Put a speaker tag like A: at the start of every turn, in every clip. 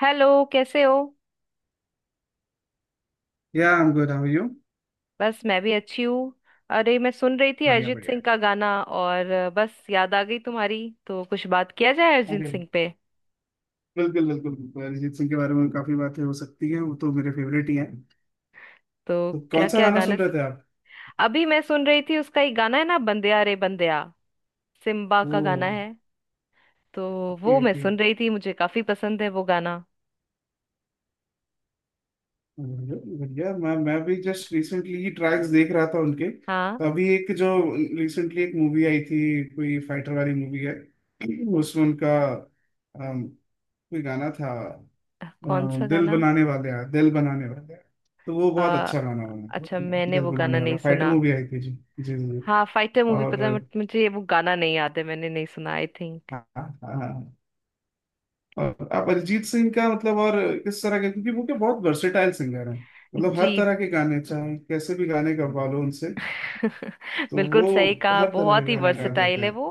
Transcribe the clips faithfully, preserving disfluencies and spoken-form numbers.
A: Hello. कैसे हो।
B: या I am good how you.
A: बस मैं भी अच्छी हूँ। अरे मैं सुन रही थी
B: बढ़िया
A: अरिजीत सिंह
B: बढ़िया।
A: का गाना, और अ, बस याद आ गई तुम्हारी। तो कुछ बात किया जाए अरिजीत
B: अरे
A: सिंह पे।
B: बिल्कुल बिल्कुल बिल्कुल अरिजीत सिंह के बारे में काफी बातें हो सकती हैं, वो तो मेरे फेवरेट ही हैं।
A: तो
B: तो कौन
A: क्या
B: सा
A: क्या
B: गाना
A: गाना।
B: सुन रहे थे आप?
A: अभी मैं सुन रही थी, उसका एक गाना है ना, बंदिया रे बंदिया। सिम्बा
B: ओ,
A: का गाना है। तो
B: ओके
A: वो मैं
B: ओके।
A: सुन रही थी, मुझे काफी पसंद है वो गाना।
B: बढ़िया बढ़िया। मैं मैं भी जस्ट रिसेंटली ही ट्रैक्स देख रहा था उनके,
A: हाँ।
B: तो अभी एक जो रिसेंटली एक मूवी आई थी, कोई फाइटर वाली मूवी है, उसमें उनका अम, कोई गाना था।
A: कौन सा
B: अम, दिल
A: गाना।
B: बनाने वाले हैं दिल बनाने वाले हैं, तो वो बहुत
A: आ,
B: अच्छा गाना
A: अच्छा,
B: बना
A: मैंने
B: दिल
A: वो
B: बनाने
A: गाना
B: वाला,
A: नहीं
B: फाइटर
A: सुना।
B: मूवी आई थी जी। जी जी।
A: हाँ फाइटर मूवी
B: और
A: पता है, but मुझे वो गाना नहीं याद है, मैंने नहीं सुना आई थिंक।
B: हाँ हाँ, और आप अरिजीत सिंह का मतलब और किस तरह के, क्योंकि वो क्या बहुत वर्सेटाइल सिंगर हैं। मतलब हर
A: जी।
B: तरह के गाने, चाहे कैसे भी गाने गवा लो उनसे, तो
A: बिल्कुल
B: वो
A: सही कहा,
B: हर तरह के
A: बहुत ही
B: गाने गा देते
A: वर्सेटाइल है
B: हैं।
A: वो।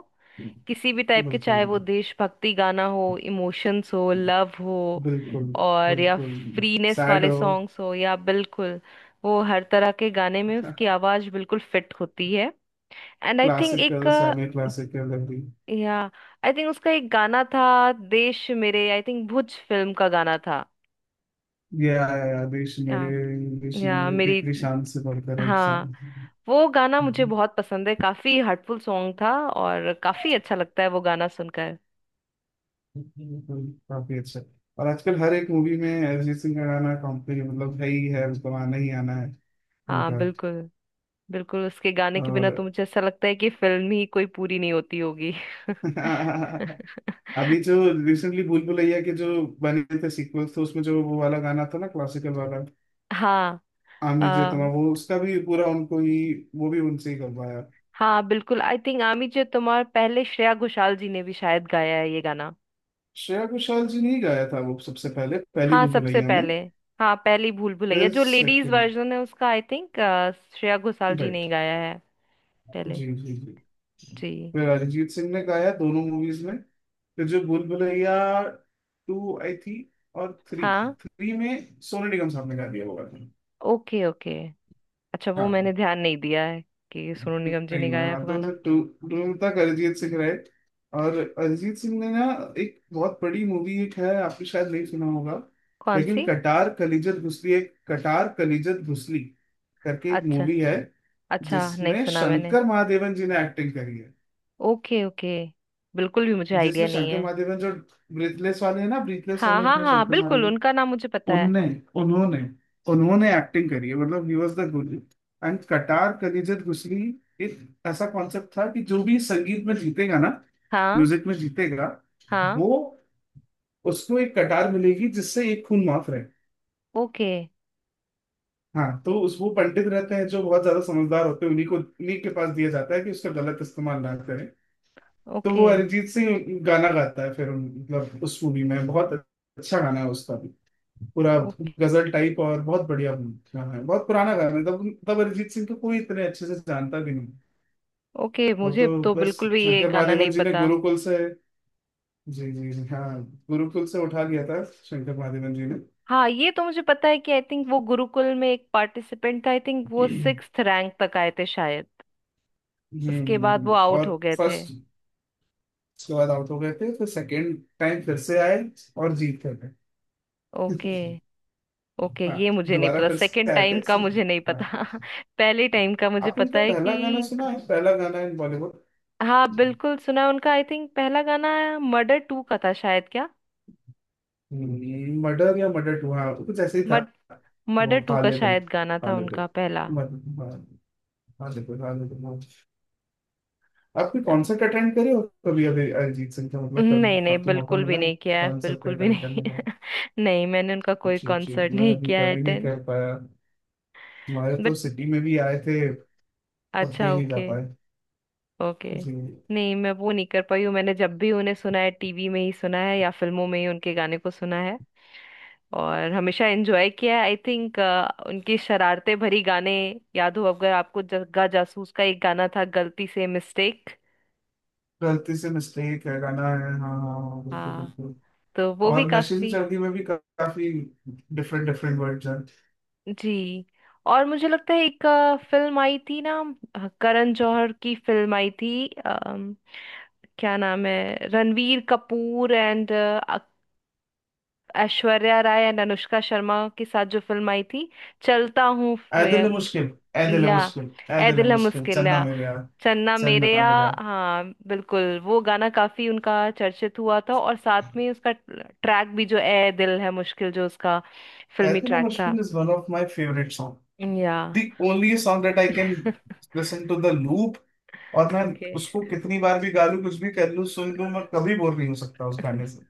A: किसी भी टाइप के,
B: बिल्कुल
A: चाहे वो देशभक्ति गाना हो, इमोशंस हो, लव हो,
B: बिल्कुल।
A: और या
B: बिल्कुल
A: फ्रीनेस
B: सैड
A: वाले
B: हो,
A: सॉन्ग्स हो, या बिल्कुल, वो हर तरह के गाने में उसकी आवाज बिल्कुल फिट होती है। एंड आई थिंक एक,
B: क्लासिकल सेमी क्लासिकल, अभी
A: या आई थिंक उसका एक गाना था देश मेरे, आई थिंक भुज फिल्म का गाना था।
B: ये आया देश
A: या।
B: मेरे, देश
A: या
B: मेरे
A: मेरी।
B: तेरी शान से बढ़कर एक शान।
A: हाँ। वो गाना मुझे बहुत पसंद है, काफी हार्टफुल सॉन्ग था, और काफी अच्छा लगता है वो गाना सुनकर।
B: काफी अच्छा। और आजकल हर एक मूवी में अरिजीत सिंह का गाना कंपनी मतलब है ही है, उसको आना ही आना है
A: हाँ
B: उनका।
A: बिल्कुल। बिल्कुल उसके गाने के बिना तो
B: और
A: मुझे ऐसा लगता है कि फिल्म ही कोई पूरी नहीं होती होगी।
B: अभी जो रिसेंटली भूल भुलैया के जो बने थे सीक्वल्स, तो उसमें जो वो वाला गाना था ना क्लासिकल वाला,
A: हाँ।
B: आमिर जे
A: आ,
B: तुम्हारा, वो उसका भी पूरा उनको ही, वो भी उनसे ही करवाया।
A: हाँ बिल्कुल आई थिंक आमी जो तुम्हार, पहले श्रेया घोषाल जी ने भी शायद गाया है ये गाना।
B: श्रेया घोषाल जी ने ही गाया था वो सबसे पहले, पहली
A: हाँ
B: भूल
A: सबसे
B: भुलैया में।
A: पहले। हाँ, पहली भूल भुलैया
B: फिर
A: जो लेडीज
B: सेकंड,
A: वर्जन है उसका, आई थिंक श्रेया घोषाल जी ने
B: राइट,
A: ही गाया है पहले।
B: जी जी जी,
A: जी।
B: फिर अरिजीत सिंह ने गाया दोनों मूवीज में। फिर जो भूल भुलैया टू आई थी, और थ्री,
A: हाँ।
B: थ्री में सोनू निगम साहब ने गा दिया होगा।
A: Okay, okay. अच्छा, वो मैंने
B: हाँ
A: ध्यान नहीं दिया है कि सोनू निगम जी
B: नहीं,
A: ने
B: मैं
A: गाया है वो
B: आता हूँ
A: गाना।
B: टू, टू तक अरिजीत सिंह रहे। और अरिजीत सिंह ने ना एक बहुत बड़ी मूवी एक है, आपने शायद नहीं सुना होगा,
A: कौन
B: लेकिन
A: सी।
B: कटार कलिजत घुसली, एक कटार कलिजत घुसली करके एक
A: अच्छा।
B: मूवी है,
A: अच्छा नहीं
B: जिसमें
A: सुना मैंने।
B: शंकर महादेवन जी ने एक्टिंग करी है।
A: Okay, okay. बिल्कुल भी मुझे आइडिया
B: जिसमें
A: नहीं
B: शंकर
A: है।
B: महादेवन जो ब्रीथलेस वाले हैं ना, ब्रीथलेस
A: हाँ,
B: वाले
A: हाँ,
B: अपने
A: हाँ,
B: शंकर
A: बिल्कुल
B: महादेवन,
A: उनका नाम मुझे पता है।
B: उनने उन्होंने उन्होंने एक्टिंग करी है, मतलब he was the guru and Katyar Kaljat घुसली। एक ऐसा कॉन्सेप्ट था कि जो भी संगीत में जीतेगा ना,
A: हाँ।
B: म्यूजिक में जीतेगा,
A: हाँ।
B: वो उसको एक कटार मिलेगी जिससे एक खून माफ रहे।
A: ओके,
B: हाँ, तो उस वो पंडित रहते हैं जो बहुत ज्यादा समझदार होते हैं, उन्हीं को उन्हीं के पास दिया जाता है कि उसका गलत इस्तेमाल ना करें। तो
A: ओके।
B: वो अरिजीत सिंह गाना गाता है, फिर उन- मतलब उस मूवी में बहुत अच्छा गाना है उसका भी पूरा,
A: ओके,
B: गजल टाइप, और बहुत बढ़िया गाना है, बहुत पुराना गाना है, तब तब अरिजीत सिंह को कोई इतने अच्छे से जानता भी नहीं।
A: ओके,
B: वो
A: मुझे
B: तो
A: तो
B: बस
A: बिल्कुल भी ये
B: शंकर
A: गाना नहीं
B: महादेवन जी ने
A: पता।
B: गुरुकुल से, जी जी जी हाँ, गुरुकुल से उठा लिया था शंकर महादेवन जी ने।
A: हाँ, ये तो मुझे पता है कि आई थिंक वो गुरुकुल में एक पार्टिसिपेंट था, आई थिंक वो
B: हम्म,
A: सिक्स्थ रैंक तक आए थे शायद।
B: हम्म।
A: उसके
B: हम्म।
A: बाद वो
B: हम्म।
A: आउट
B: और
A: हो गए थे।
B: फर्स्ट, उसके बाद आउट हो गए थे, फिर सेकंड टाइम फिर से आए और जीत गए थे।
A: ओके। ओके,
B: हाँ
A: ये मुझे नहीं
B: दोबारा
A: पता,
B: फिर से
A: सेकंड
B: आए थे।
A: टाइम का मुझे नहीं
B: हाँ।
A: पता। पहले टाइम का मुझे
B: आपने
A: पता
B: उनका
A: है
B: पहला गाना
A: कि
B: सुना है, पहला गाना इन बॉलीवुड?
A: हाँ बिल्कुल सुना है उनका, आई थिंक पहला गाना मर्डर टू का था शायद, क्या?
B: मर्डर या मर्डर टू, हाँ कुछ ऐसे ही था।
A: मर्ड
B: वो
A: मर्डर टू का
B: खालिद अल-
A: शायद गाना था
B: खालिद अल-
A: उनका पहला।
B: मर- मर- खालिद अल- खालिद अल- हाँ। आपने
A: या-
B: कॉन्सर्ट अटेंड करे हो कभी अभी अरिजीत सिंह का, मतलब कभी
A: नहीं नहीं,
B: आपको मौका
A: बिल्कुल भी
B: मिला है
A: नहीं किया है,
B: कॉन्सर्ट
A: बिल्कुल भी
B: अटेंड
A: नहीं।
B: करने का?
A: नहीं, मैंने उनका कोई
B: जी जी,
A: कॉन्सर्ट
B: मैं
A: नहीं
B: अभी
A: किया है
B: कभी नहीं
A: अटेंड।
B: कर पाया, हमारे तो
A: बट
B: सिटी में भी आए थे पर
A: अच्छा।
B: भी नहीं जा
A: ओके।
B: पाए
A: ओके,
B: जी।
A: नहीं मैं वो नहीं कर पाई हूँ, मैंने जब भी उन्हें सुना है टीवी में ही सुना है, या फिल्मों में ही उनके गाने को सुना है। और हमेशा एंजॉय किया है आई थिंक। उनकी शरारते भरी गाने याद हो अगर आपको, जग्गा जासूस का एक गाना था गलती से मिस्टेक।
B: गलती से मिस्टेक है, गाना है हाँ हाँ हाँ, बिल्कुल
A: हाँ।
B: बिल्कुल।
A: तो वो भी
B: और नशे से
A: काफी।
B: चढ़ती में भी काफी डिफरेंट डिफरेंट वर्ड्स हैं।
A: जी। और मुझे लगता है एक फिल्म आई थी ना, अ, करण जौहर की फिल्म आई थी, अम, क्या नाम है, रणवीर कपूर एंड ऐश्वर्या राय एंड अनुष्का शर्मा के साथ जो फिल्म आई थी, चलता हूँ।
B: ऐ
A: या।
B: दिल मुश्किल, ऐ दिल
A: या,
B: मुश्किल। ऐ
A: ऐ
B: दिल
A: दिल है
B: मुश्किल
A: मुश्किल,
B: चन्ना मेरे यार,
A: चन्ना
B: चन्ना
A: मेरेया।
B: मेरे यार।
A: हाँ बिल्कुल, वो गाना काफी उनका चर्चित हुआ था, और साथ में उसका ट्रैक भी जो ए दिल है मुश्किल जो उसका
B: ऐ
A: फिल्मी
B: दिल
A: ट्रैक था।
B: Mushkil is one of my favourite song,
A: या।
B: The only song that I can listen to the loop. और मैं
A: ओके।
B: उसको कितनी बार भी गा लूं, कुछ भी कर लूं, सुन लूं, मैं कभी बोर नहीं हो सकता उस गाने से।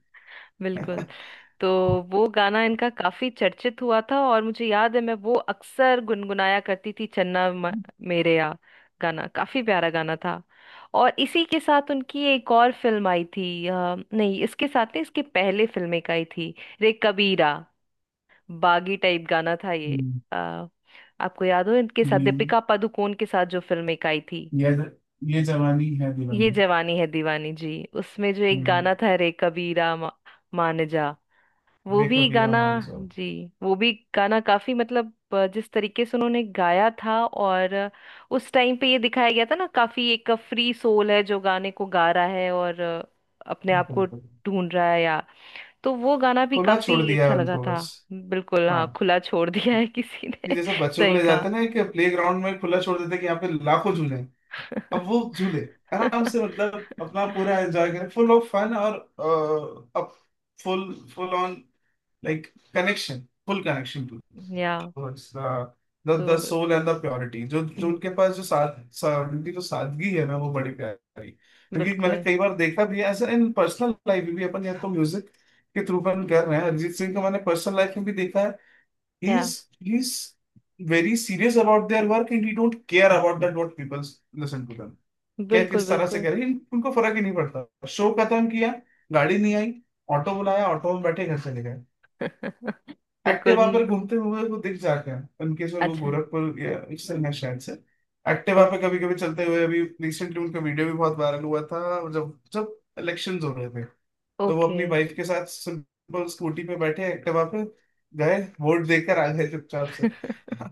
A: बिल्कुल। तो वो गाना इनका काफी चर्चित हुआ था, और मुझे याद है मैं वो अक्सर गुनगुनाया करती थी, चन्ना म- मेरेया। गाना काफी प्यारा गाना था। और इसी के साथ उनकी एक और फिल्म आई थी, अ, नहीं इसके साथ नहीं, इसके पहले फिल्म एक आई थी, रे कबीरा, बागी टाइप गाना था ये।
B: हम्म,
A: आ, आपको याद हो, इनके साथ
B: हम्म,
A: दीपिका पादुकोण के साथ जो फिल्म एक आई थी,
B: ये ये जवानी है
A: ये
B: दीवानी।
A: जवानी है दीवानी। जी। उसमें जो एक
B: हम्म,
A: गाना था रे कबीरा, मा, मान जा, वो
B: वे
A: भी
B: कबीरा
A: गाना।
B: मान जाओ।
A: जी। वो भी गाना काफी, मतलब अ, जिस तरीके से उन्होंने गाया था, और अ, उस टाइम पे ये दिखाया गया था ना, काफी एक फ्री सोल है जो गाने को गा रहा है, और अ, अपने आप को
B: बिल्कुल,
A: ढूंढ रहा है, या तो वो गाना भी
B: खुला
A: काफी
B: छोड़ दिया
A: अच्छा
B: है
A: लगा
B: उनको
A: था।
B: बस।
A: बिल्कुल
B: हाँ।
A: हाँ, खुला छोड़ दिया है किसी
B: कि
A: ने।
B: जैसे बच्चों को
A: सही
B: ले
A: कहा।
B: जाते हैं ना कि प्ले ग्राउंड में खुला छोड़ देते हैं कि यहाँ पे लाखों झूले हैं, अब वो झूले आराम से मतलब अपना पूरा एंजॉय करें, फुल ऑफ फन और uh, up full full on, like connection, full connection to
A: या।
B: द द
A: तो
B: सोल एंड द प्योरिटी। जो जो
A: हम्म,
B: उनके पास जो साद सा, उनकी जो सादगी है ना वो बड़ी प्यारी, क्योंकि मैंने
A: बिल्कुल।
B: कई बार देखा भी है, ऐसा इन पर्सनल लाइफ में भी, अपन या तो म्यूजिक के थ्रू अपन कर रहे हैं, अरिजीत सिंह को मैंने पर्सनल लाइफ में भी देखा है। he's
A: या।
B: he's very serious about their work and he don't care about that what people listen to them, क्या
A: बिल्कुल।
B: किस तरह से
A: बिल्कुल।
B: कह रहे हैं, उनको फर्क ही नहीं पड़ता। शो खत्म किया, गाड़ी नहीं आई, ऑटो बुलाया, ऑटो में बैठे घर चले गए।
A: बिल्कुल।
B: एक्टिवा
A: हम्म,
B: पर घूमते हुए वो दिख जाते हैं, उनके से वो
A: अच्छा।
B: गोरखपुर या इससे है शायद से। एक्टिवा पे
A: ओके,
B: कभी कभी चलते हुए, अभी रिसेंटली उनका वीडियो भी बहुत वायरल हुआ था, और जब जब इलेक्शन हो रहे थे, तो वो
A: ओके।
B: अपनी वाइफ के साथ सिंपल स्कूटी पे बैठे एक्टिवा पे गए, वोट देकर आ गए चुपचाप से।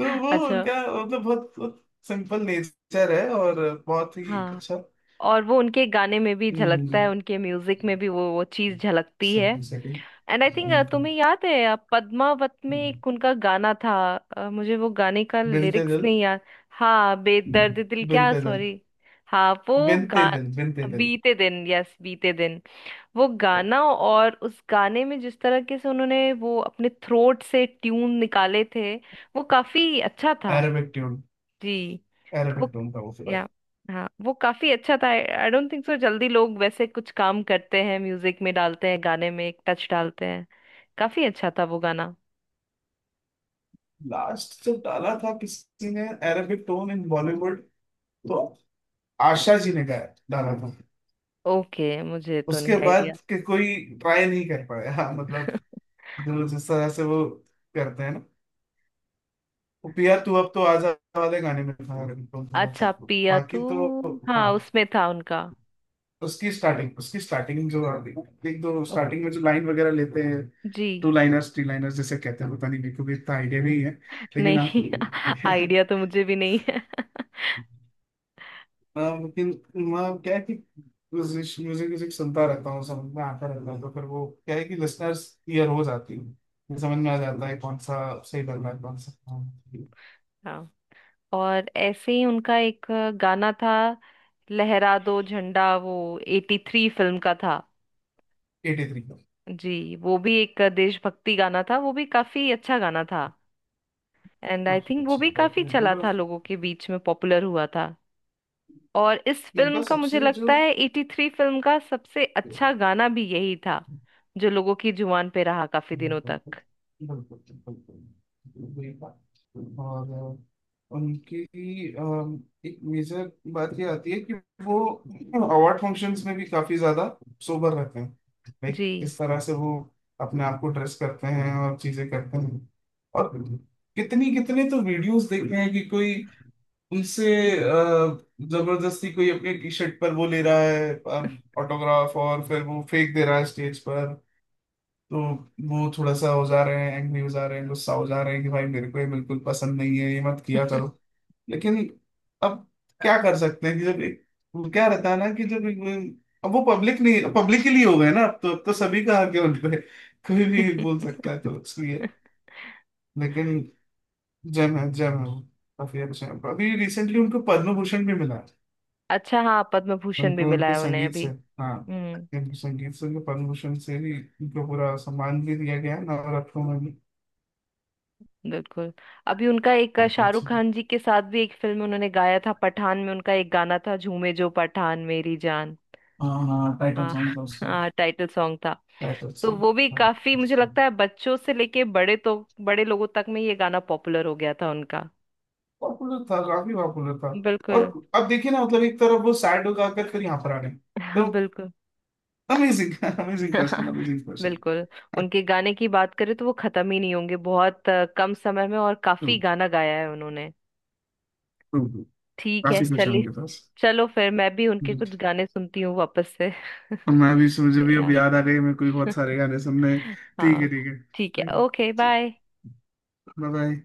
B: तो वो
A: अच्छा।
B: उनका मतलब बहुत, बहुत सिंपल नेचर है, और बहुत ही
A: हाँ,
B: अच्छा।
A: और वो उनके गाने में भी झलकता है, उनके म्यूजिक में भी वो वो चीज झलकती है।
B: सेकंड,
A: एंड आई थिंक
B: उनका
A: तुम्हें याद है, uh, पद्मावत में एक उनका गाना था, uh, मुझे वो गाने का
B: बिनते
A: लिरिक्स
B: दिल,
A: नहीं याद। हाँ बेदर्द दिल, क्या?
B: बिनते दिल,
A: सॉरी। हाँ वो
B: बिनते
A: गा।
B: दिल, बिनते दिल,
A: बीते दिन, यस बीते दिन, वो गाना, और उस गाने में जिस तरह के से उन्होंने वो अपने थ्रोट से ट्यून निकाले थे, वो काफी अच्छा था।
B: अरेबिक ट्यून,
A: जी। तो
B: अरेबिक
A: वो।
B: टोन था वो फिलहाल।
A: या। हाँ, वो काफी अच्छा था। आई डोंट थिंक सो जल्दी लोग वैसे कुछ काम करते हैं, म्यूजिक में डालते हैं, गाने में एक टच डालते हैं। काफी अच्छा था वो गाना।
B: लास्ट जब डाला था किसी ने अरेबिक टोन इन बॉलीवुड, तो आशा जी ने गाया डाला था,
A: ओके, मुझे तो
B: उसके
A: नहीं आइडिया।
B: बाद के कोई ट्राई नहीं कर पाया। हाँ मतलब, जो जिस तरह से वो करते हैं, पिया तू अब तो आजा वाले गाने में था रिंगटोन थोड़ा सा,
A: अच्छा, पिया तू।
B: बाकी तो
A: हाँ,
B: हाँ।
A: उसमें था उनका।
B: उसकी स्टार्टिंग उसकी स्टार्टिंग जो एक दो
A: ओके।
B: स्टार्टिंग में जो लाइन वगैरह लेते हैं,
A: जी।
B: टू लाइनर्स थ्री लाइनर्स जैसे कहते हैं, पता नहीं, मेरे को भी इतना आइडिया नहीं है, लेकिन आप
A: नहीं, आइडिया तो मुझे भी नहीं है।
B: हाँ, लेकिन मैं क्या है कि म्यूजिक म्यूजिक सुनता रहता हूँ, समझ में आता रहता है, तो फिर वो क्या है कि लिसनर्स क्लियर हो जाती है, समझ में आ जाता है कौन सा सही लग रहा है कौन सा।
A: हाँ। और ऐसे ही उनका एक गाना था लहरा दो झंडा, वो एटी थ्री फिल्म का था।
B: एटी थ्री का
A: जी, वो भी एक देशभक्ति गाना था, वो भी काफी अच्छा गाना था। एंड आई
B: काफी
A: थिंक वो
B: अच्छा,
A: भी
B: काफी
A: काफी चला
B: इनका,
A: था, लोगों के बीच में पॉपुलर हुआ था। और इस फिल्म
B: इनका
A: का मुझे
B: सबसे
A: लगता
B: जो,
A: है एटी थ्री फिल्म का सबसे अच्छा गाना भी यही था, जो लोगों की जुबान पे रहा काफी दिनों
B: बिल्कुल
A: तक।
B: बिल्कुल। वही बात। और अ, उनकी अम, एक मेजर बात ये आती है कि वो अवार्ड फंक्शंस में भी काफी ज्यादा सोबर रहते हैं,
A: जी।
B: लाइक किस तरह से वो अपने आप को ड्रेस करते हैं और चीजें करते हैं। और कितनी कितने तो वीडियोस देखे हैं कि कोई उनसे अ, जबरदस्ती कोई अपने टी शर्ट पर वो ले रहा है ऑटोग्राफ, और फिर वो फेंक दे रहा है स्टेज पर, तो वो थोड़ा सा हो जा रहे हैं, एंग्री हो जा रहे हैं, गुस्सा हो जा रहे हैं कि भाई मेरे को ये बिल्कुल पसंद नहीं है, ये मत किया करो। लेकिन अब क्या कर सकते हैं कि जब एक, वो क्या रहता है ना कि जब एक, अब वो पब्लिक नहीं, पब्लिक के लिए हो गए ना अब तो, अब तो सभी का हक है उन पे, कोई भी बोल सकता है, तो इसलिए। लेकिन जय है, जय है, वो काफी अच्छे हैं। अभी रिसेंटली उनको पद्म भूषण भी मिला है,
A: अच्छा हाँ, पद्म भूषण भी
B: उनको
A: मिला
B: उनके
A: है उन्हें
B: संगीत से।
A: अभी।
B: हाँ,
A: हम्म।
B: उनके संगीत से उनको पद्म भूषण से भी, उनको पूरा सम्मान भी दिया गया है नवरत्नों में भी।
A: बिल्कुल। अभी उनका एक, अ,
B: काफी
A: शाहरुख
B: अच्छे।
A: खान जी के साथ भी एक फिल्म में उन्होंने गाया था, पठान में उनका एक गाना था, झूमे जो पठान मेरी जान।
B: हाँ टाइटल
A: हाँ
B: सॉन्ग था उसका,
A: हाँ टाइटल सॉन्ग था।
B: टाइटल
A: तो
B: सॉन्ग।
A: वो भी काफी, मुझे लगता है बच्चों से लेके बड़े तो बड़े लोगों तक में ये गाना पॉपुलर हो गया था उनका।
B: पॉपुलर था, काफी पॉपुलर था। और
A: बिल्कुल।
B: अब देखिए ना, मतलब एक तरफ वो सैड हो जाकर फिर यहाँ पर आ गए,
A: हाँ
B: तो
A: बिल्कुल।
B: Amazing, amazing person, amazing person.
A: बिल्कुल। उनके गाने की बात करें तो वो खत्म ही नहीं होंगे, बहुत अ, कम समय में और
B: ट्रू
A: काफी गाना गाया है उन्होंने।
B: ट्रू ट्रू,
A: ठीक है,
B: काफी कुछ है
A: चलिए।
B: उनके पास।
A: चलो फिर मैं भी उनके कुछ गाने सुनती हूँ वापस से।
B: और मैं भी, मुझे भी अब
A: यार
B: याद आ गई, मेरे को भी बहुत सारे गाने सुनने हैं। ठीक है
A: हाँ।
B: ठीक है,
A: ठीक है,
B: thank
A: okay
B: you,
A: bye.
B: Bye bye.